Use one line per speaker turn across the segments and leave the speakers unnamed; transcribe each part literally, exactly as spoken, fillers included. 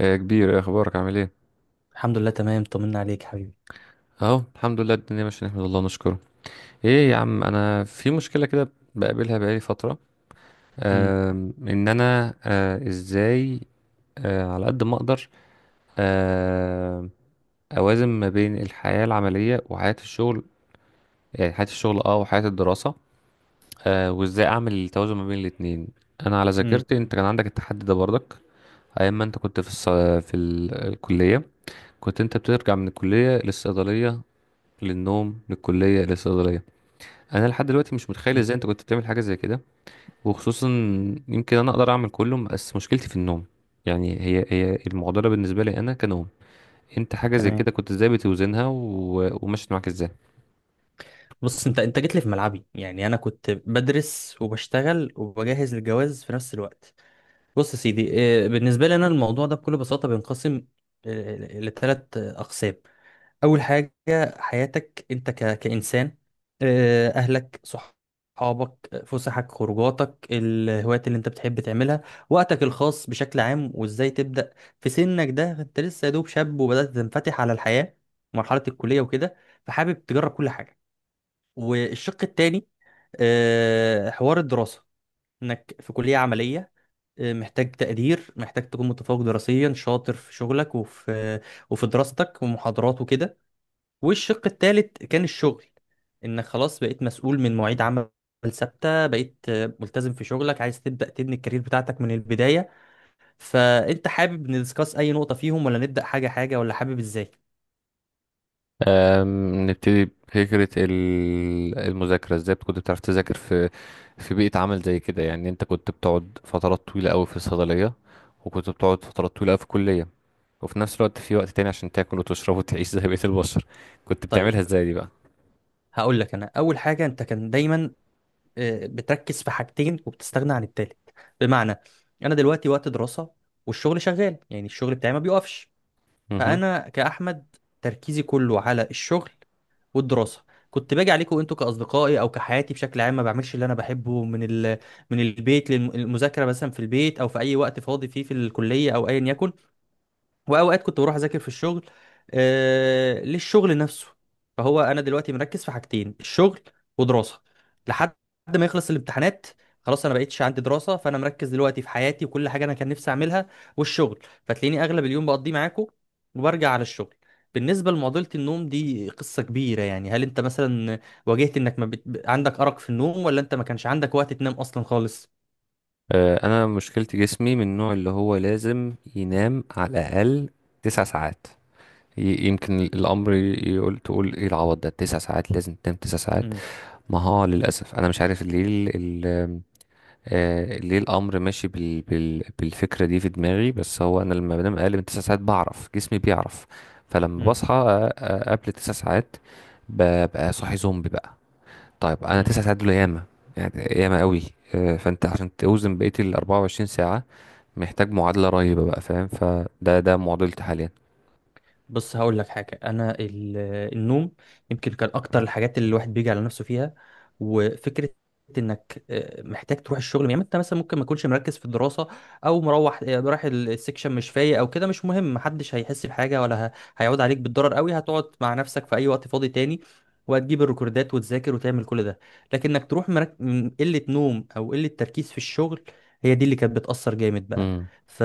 يا كبير، إيه اخبارك؟ عامل ايه؟
الحمد لله تمام، طمنا عليك حبيبي.
اهو الحمد لله، الدنيا ماشيه، نحمد الله ونشكره. ايه يا عم، انا في مشكله كده بقابلها بقالي فتره.
امم.
آم، ان انا، آه، ازاي آه، على قد ما اقدر آه، اوازن ما بين الحياه العمليه وحياه الشغل. يعني حياه الشغل اه وحياه الدراسه. آه، وازاي اعمل التوازن ما بين الاتنين؟ انا على
امم.
ذاكرتي، انت كان عندك التحدي ده برضك. ايام ما انت كنت في الص... في ال- الكليه، كنت انت بترجع من الكليه للصيدليه، للنوم، للكلية، للصيدلية. انا لحد دلوقتي مش متخيل
أمم.
ازاي انت كنت بتعمل حاجه زي كده. وخصوصا يمكن انا اقدر اعمل كله، بس مشكلتي في النوم. يعني هي هي المعضله بالنسبه لي انا كنوم. انت حاجه زي
تمام.
كده كنت ازاي بتوزنها و... ومشيت معاك ازاي؟
بص انت انت جيت لي في ملعبي، يعني انا كنت بدرس وبشتغل وبجهز للجواز في نفس الوقت. بص يا سيدي، آه، بالنسبه لي انا الموضوع ده بكل بساطه بينقسم لثلاث اقسام. اول حاجه، حياتك انت ك... كانسان، آه، اهلك، صحابك، آه، فسحك، خروجاتك، الهوايات اللي انت بتحب تعملها، وقتك الخاص بشكل عام، وازاي تبدا. في سنك ده انت لسه يا دوب شاب وبدات تنفتح على الحياه، مرحله الكليه وكده، فحابب تجرب كل حاجه. والشق التاني، آه، حوار الدراسه، انك في كليه عمليه، آه، محتاج تقدير، محتاج تكون متفوق دراسيا، شاطر في شغلك وفي وفي دراستك ومحاضرات وكده. والشق التالت كان الشغل، انك خلاص بقيت مسؤول من مواعيد عمل ثابته، بقيت آه، ملتزم في شغلك، عايز تبدا تبني الكارير بتاعتك من البدايه. فانت حابب ندسكاس اي نقطه فيهم ولا نبدا حاجه حاجه، ولا حابب ازاي؟
أم، نبتدي بفكرة ال- المذاكرة. ازاي كنت بتعرف تذاكر في في بيئة عمل زي كده؟ يعني انت كنت بتقعد فترات طويلة قوي في الصيدلية، وكنت بتقعد فترات طويلة قوي في الكلية، وفي نفس الوقت في وقت تاني عشان تاكل وتشرب وتعيش زي بقية البشر. كنت
طيب،
بتعملها ازاي دي بقى؟
هقول لك انا اول حاجه، انت كان دايما آه، بتركز في حاجتين وبتستغنى عن التالت. بمعنى، انا دلوقتي وقت دراسه والشغل شغال، يعني الشغل بتاعي ما بيقفش.
مهم.
فانا كاحمد تركيزي كله على الشغل والدراسه. كنت باجي عليكم انتوا كاصدقائي او كحياتي بشكل عام، ما بعملش اللي انا بحبه، من ال... من البيت للمذاكره مثلا في البيت، او في اي وقت فاضي فيه في الكليه او ايا يكن. واوقات كنت بروح اذاكر في الشغل، آه للشغل نفسه. فهو انا دلوقتي مركز في حاجتين، الشغل ودراسه، لحد ما يخلص الامتحانات. خلاص انا بقيتش عندي دراسه، فانا مركز دلوقتي في حياتي وكل حاجه انا كان نفسي اعملها والشغل. فتلاقيني اغلب اليوم بقضيه معاكم وبرجع على الشغل. بالنسبه لمعضله النوم دي قصه كبيره، يعني هل انت مثلا واجهت انك ما بت... عندك ارق في النوم، ولا انت ما كانش عندك وقت تنام اصلا خالص؟
آه، انا مشكلتي جسمي من النوع اللي هو لازم ينام على الاقل تسع ساعات. ي- يمكن الامر يقول تقول ايه العوض ده، تسع ساعات لازم تنام تسع ساعات.
امم.
ما هو للاسف انا مش عارف ليه ال ال- آه، ليه الامر ماشي بال بال بالفكره دي في دماغي، بس هو انا لما بنام اقل من تسع ساعات بعرف، جسمي بيعرف. فلما
إمم.
بصحى آه، آه، قبل تسع ساعات، ببقى صاحي زومبي بقى. طيب، انا
إمم.
تسع ساعات دول ياما، يعني ياما قوي. آه، فانت عشان توزن بقيه ال اربع وعشرين، محتاج معادلة رهيبة بقى فاهم؟ فده ده معضلتي حاليا.
بص هقول لك حاجة، أنا ال- النوم يمكن كان أكتر الحاجات اللي الواحد بيجي على نفسه فيها. وفكرة إنك آه، محتاج تروح الشغل، يعني أنت مثلا ممكن ما تكونش مركز في الدراسة، أو مروح آه، رايح ال- السكشن مش فايق أو كده، مش مهم، محدش هيحس بحاجة ولا ه- هيعود عليك بالضرر قوي، هتقعد مع نفسك في أي وقت فاضي تاني، وهتجيب الريكوردات وتذاكر وتعمل كل ده. لكن إنك تروح مرك... من قلة نوم أو قلة تركيز في الشغل، هي دي اللي كانت بتأثر جامد بقى.
امم،
ف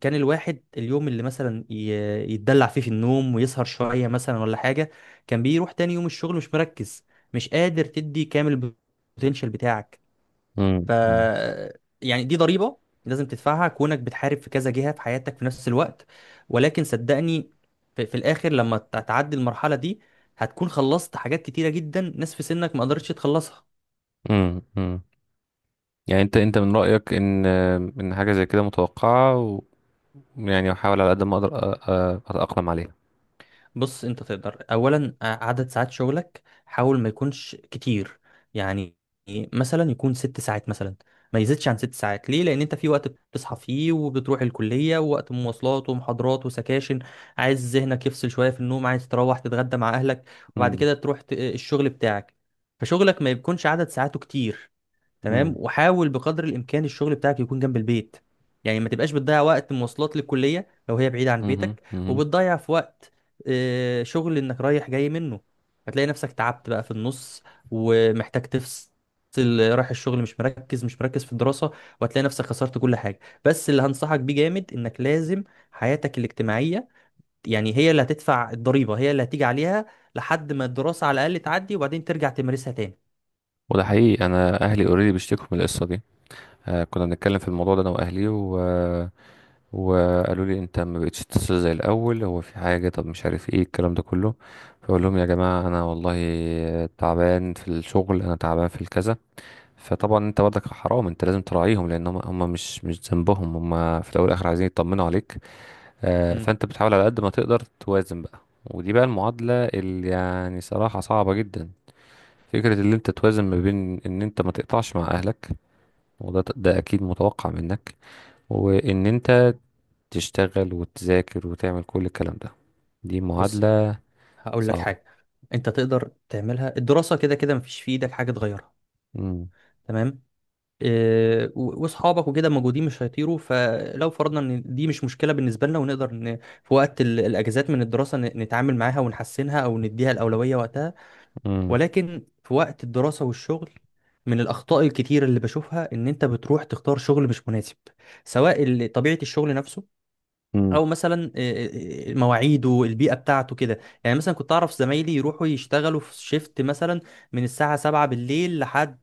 كان الواحد اليوم اللي مثلا ي- يتدلع فيه في النوم ويسهر شوية مثلا ولا حاجة، كان بيروح تاني يوم الشغل مش مركز، مش قادر تدي كامل البوتنشال بتاعك. ف
امم،
يعني دي ضريبة لازم تدفعها كونك بتحارب في كذا جهة في حياتك في نفس الوقت. ولكن صدقني في, في الآخر لما ت- تعدي المرحلة دي، هتكون خلصت حاجات كتيرة جدا ناس في سنك ما قدرتش تخلصها.
امم، امم. يعني انت انت من رأيك ان ان حاجة زي كده متوقعة، و- ويعني احاول على قد ما اقدر أ- أ- اتأقلم عليها.
بص، انت تقدر اولا، آه، عدد ساعات شغلك حاول ما يكونش كتير، يعني مثلا يكون ست ساعات مثلا، ما يزيدش عن ست ساعات. ليه؟ لان انت في وقت بتصحى فيه وبتروح الكليه، ووقت مواصلات ومحاضرات وسكاشن، عايز ذهنك يفصل شويه في النوم، عايز تروح تتغدى مع اهلك وبعد
امم،
كده تروح ت- آه، الشغل بتاعك. فشغلك ما يكونش عدد ساعاته كتير، تمام.
امم،
وحاول بقدر الامكان الشغل بتاعك يكون جنب البيت، يعني ما تبقاش بتضيع وقت مواصلات للكليه لو هي بعيده عن
امم،
بيتك،
امم.
وبتضيع في وقت آه، شغل انك رايح جاي منه. هتلاقي نفسك تعبت بقى في النص ومحتاج تفصل، رايح الشغل مش مركز، مش مركز في الدراسه، وهتلاقي نفسك خسرت كل حاجه. بس اللي هنصحك بيه جامد، انك لازم حياتك الاجتماعيه، يعني هي اللي هتدفع الضريبه، هي اللي هتيجي عليها لحد ما الدراسه على الاقل تعدي، وبعدين ترجع تمارسها تاني.
وده حقيقي، انا اهلي اوريدي بيشتكوا من القصة دي. آه، كنا بنتكلم في الموضوع ده انا واهلي و... وقالوا لي: انت ما بقتش تتصل زي الاول، هو في حاجه؟ طب مش عارف ايه الكلام ده كله. فاقول لهم: يا جماعه انا والله تعبان في الشغل، انا تعبان في الكذا. فطبعا انت برضك حرام، انت لازم تراعيهم، لان هم هم مش مش ذنبهم، هم في الاول والاخر عايزين يطمنوا عليك. آه،
مم.
فانت بتحاول على قد ما تقدر توازن بقى. ودي بقى المعادله اللي يعني صراحه صعبه جدا، فكرة اللي انت توازن ما بين ان انت ما تقطعش مع اهلك، وده ده اكيد متوقع منك، وان انت تشتغل وتذاكر وتعمل كل الكلام ده. دي
بص
معادلة
هقول لك
صعبة.
حاجة، انت تقدر تعملها. الدراسة كده كده مفيش في ايدك حاجة تغيرها،
امم،
تمام. إيه، و- واصحابك وكده موجودين مش هيطيروا، فلو فرضنا ان دي مش مشكلة بالنسبة لنا، ونقدر ن... في وقت ال- الاجازات من الدراسة ن- نتعامل معاها ونحسنها او نديها الأولوية وقتها.
امم،
ولكن في وقت الدراسة والشغل، من الأخطاء الكتير اللي بشوفها إن أنت بتروح تختار شغل مش مناسب، سواء ال- طبيعة الشغل نفسه،
امم.
او مثلا آه، آه، مواعيده، البيئه بتاعته كده. يعني مثلا كنت اعرف زمايلي يروحوا يشتغلوا في شيفت مثلا من الساعه سبعة بالليل لحد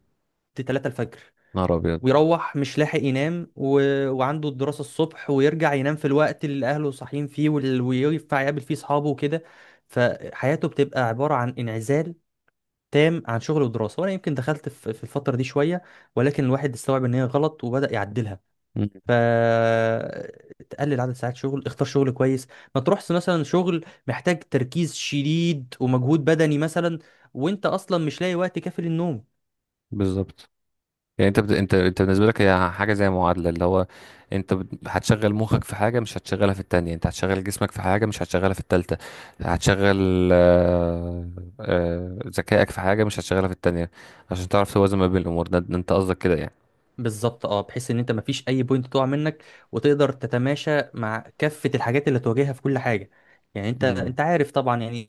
ثلاثة الفجر،
نهار ابيض.
ويروح مش لاحق ينام و... وعنده الدراسه الصبح، ويرجع ينام في الوقت اللي اهله صاحيين فيه وال... وينفع يقابل فيه اصحابه وكده. فحياته بتبقى عباره عن انعزال تام عن شغل ودراسه. وانا يمكن دخلت في في الفتره دي شويه، ولكن الواحد استوعب ان هي غلط وبدا يعدلها.
مم.
فتقلل عدد ساعات شغل، اختار شغل كويس، ما تروحش مثلا شغل محتاج تركيز شديد ومجهود بدني مثلا، وانت اصلا مش لاقي وقت كافي للنوم.
بالظبط. يعني انت بت... انت انت بالنسبة لك هي حاجة زي معادلة، اللي هو انت بت- هتشغل مخك في حاجة مش هتشغلها في التانية، انت هتشغل جسمك في حاجة مش هتشغلها في التالتة، هتشغل آه، آه، ذكائك في حاجة مش هتشغلها في التانية، عشان تعرف توازن ما بين الامور. ده ده انت قصدك كده يعني؟
بالظبط اه، بحيث ان انت مفيش اي بوينت تقع منك، وتقدر تتماشى مع كافة الحاجات اللي تواجهها في كل حاجة. يعني انت
امم.
انت عارف طبعا، يعني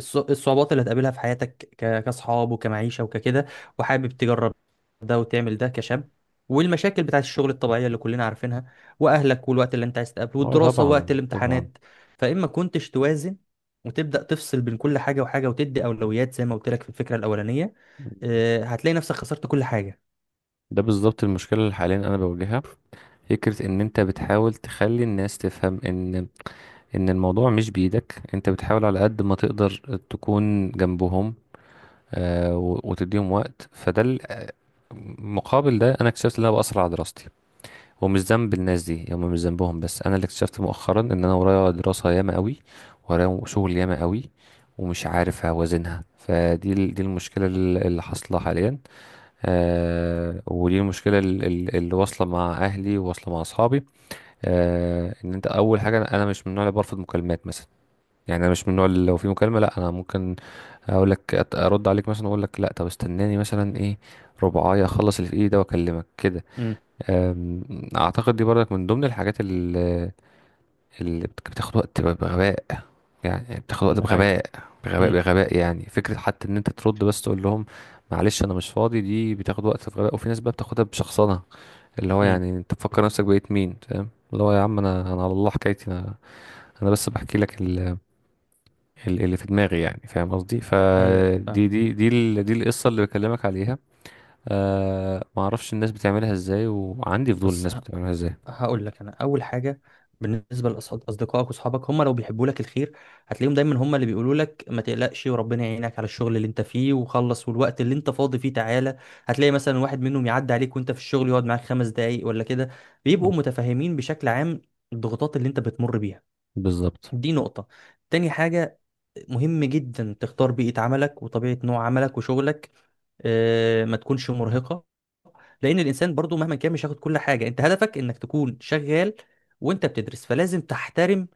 الص- الصعوبات اللي هتقابلها في حياتك ك- كاصحاب وكمعيشة وككده، وحابب تجرب ده وتعمل ده كشاب، والمشاكل بتاعت الشغل الطبيعية اللي كلنا عارفينها، واهلك، والوقت اللي انت عايز تقابله،
اه
والدراسة ووقت
طبعا طبعا.
الامتحانات. فاما كنتش توازن وتبدأ تفصل بين كل حاجة وحاجة وتدي أولويات زي ما قلت لك في الفكرة الأولانية، آه، هتلاقي نفسك خسرت كل حاجة.
ده بالظبط المشكلة اللي حاليا انا بواجهها. فكرة ان انت بتحاول تخلي الناس تفهم ان ان الموضوع مش بإيدك، انت بتحاول على قد ما تقدر تكون جنبهم، آه، و- وتديهم وقت. فده ال- مقابل ده، انا اكتشفت ان انا بأثر على دراستي، ومش ذنب الناس دي، هم مش ذنبهم، بس انا اللي اكتشفت مؤخرا ان انا ورايا دراسة ياما قوي، ورايا شغل ياما قوي، ومش عارف اوازنها. فدي ال- دي المشكلة ال- اللي حاصلة حاليا. آه، ودي المشكلة ال- ال- اللي واصلة مع اهلي وواصلة مع اصحابي. آه، ان انت اول حاجه، انا أنا مش من النوع اللي برفض مكالمات مثلا، يعني انا مش من النوع اللي لو في مكالمه لا. انا ممكن اقول لك أت- ارد عليك، مثلا اقول لك لا، طب استناني مثلا ايه، ربعايه، اخلص اللي في ايدي ده واكلمك كده.
امم.
آم، اعتقد دي برضك من ضمن الحاجات اللي بت- بتاخد وقت ب- بغباء، يعني بتاخد وقت
ده حقيقي.
بغباء، بغباء،
امم.
بغباء. يعني فكرة حتى ان انت ترد بس تقول لهم: معلش انا مش فاضي. دي بتاخد وقت بغباء، وفي ناس بقى بتاخدها بشخصنة، اللي هو
امم
يعني انت تفكر نفسك بقيت مين؟ فاهم؟ اللي هو يا عم انا انا على الله، حكايتي انا، انا بس بحكي لك ال- ال- اللي في دماغي، يعني فاهم قصدي؟
ايوه فاهم.
فدي دي دي ال- دي القصة اللي بكلمك عليها. آه، ما اعرفش الناس بتعملها ازاي، وعندي فضول
بس
الناس
ه-
بتعملها ازاي.
هقول لك انا اول حاجه. بالنسبه لاصدقائك واصحابك، هم لو بيحبوا لك الخير هتلاقيهم دايما هم اللي بيقولوا لك ما تقلقش وربنا يعينك على الشغل اللي انت فيه وخلص، والوقت اللي انت فاضي فيه تعالى. هتلاقي مثلا واحد منهم يعدي عليك وانت في الشغل يقعد معاك خمس دقايق ولا كده،
مم.
بيبقوا متفاهمين بشكل عام الضغوطات اللي انت بتمر بيها.
بالظبط.
دي نقطه. تاني حاجه، مهم جدا تختار بيئة عملك وطبيعة نوع عملك وشغلك، آه، ما تكونش مرهقة، لأن الإنسان برضو مهما كان مش هياخد كل حاجة. أنت هدفك إنك تكون شغال وأنت بتدرس، فلازم تحترم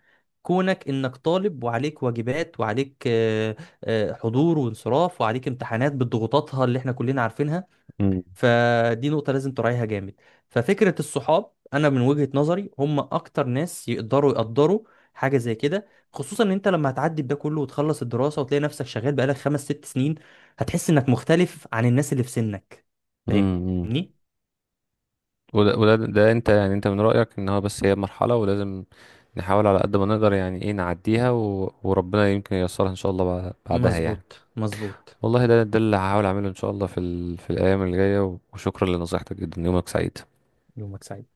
كونك إنك طالب، وعليك واجبات، وعليك آه، آه، حضور وانصراف، وعليك امتحانات بضغوطاتها اللي إحنا كلنا عارفينها.
امم،
فدي نقطة لازم تراعيها جامد. ففكرة الصحاب، أنا من وجهة نظري هم أكتر ناس يقدروا يقدروا حاجة زي كده، خصوصا إن أنت لما هتعدي بده كله وتخلص الدراسة وتلاقي نفسك شغال بقالك خمس ست سنين، هتحس إنك مختلف عن الناس اللي في سنك.
امم.
فاهمني؟
وده, وده ده انت يعني انت من رأيك ان هو بس هي مرحلة، ولازم نحاول على قد ما نقدر، يعني ايه، نعديها، و... وربنا يمكن ييسرها ان شاء الله بع- بعدها يعني.
مظبوط مظبوط.
والله ده ده اللي هحاول اعمله ان شاء الله في ال... في الايام اللي جاية. وشكرا لنصيحتك جدا، يومك سعيد.
يومك سعيد.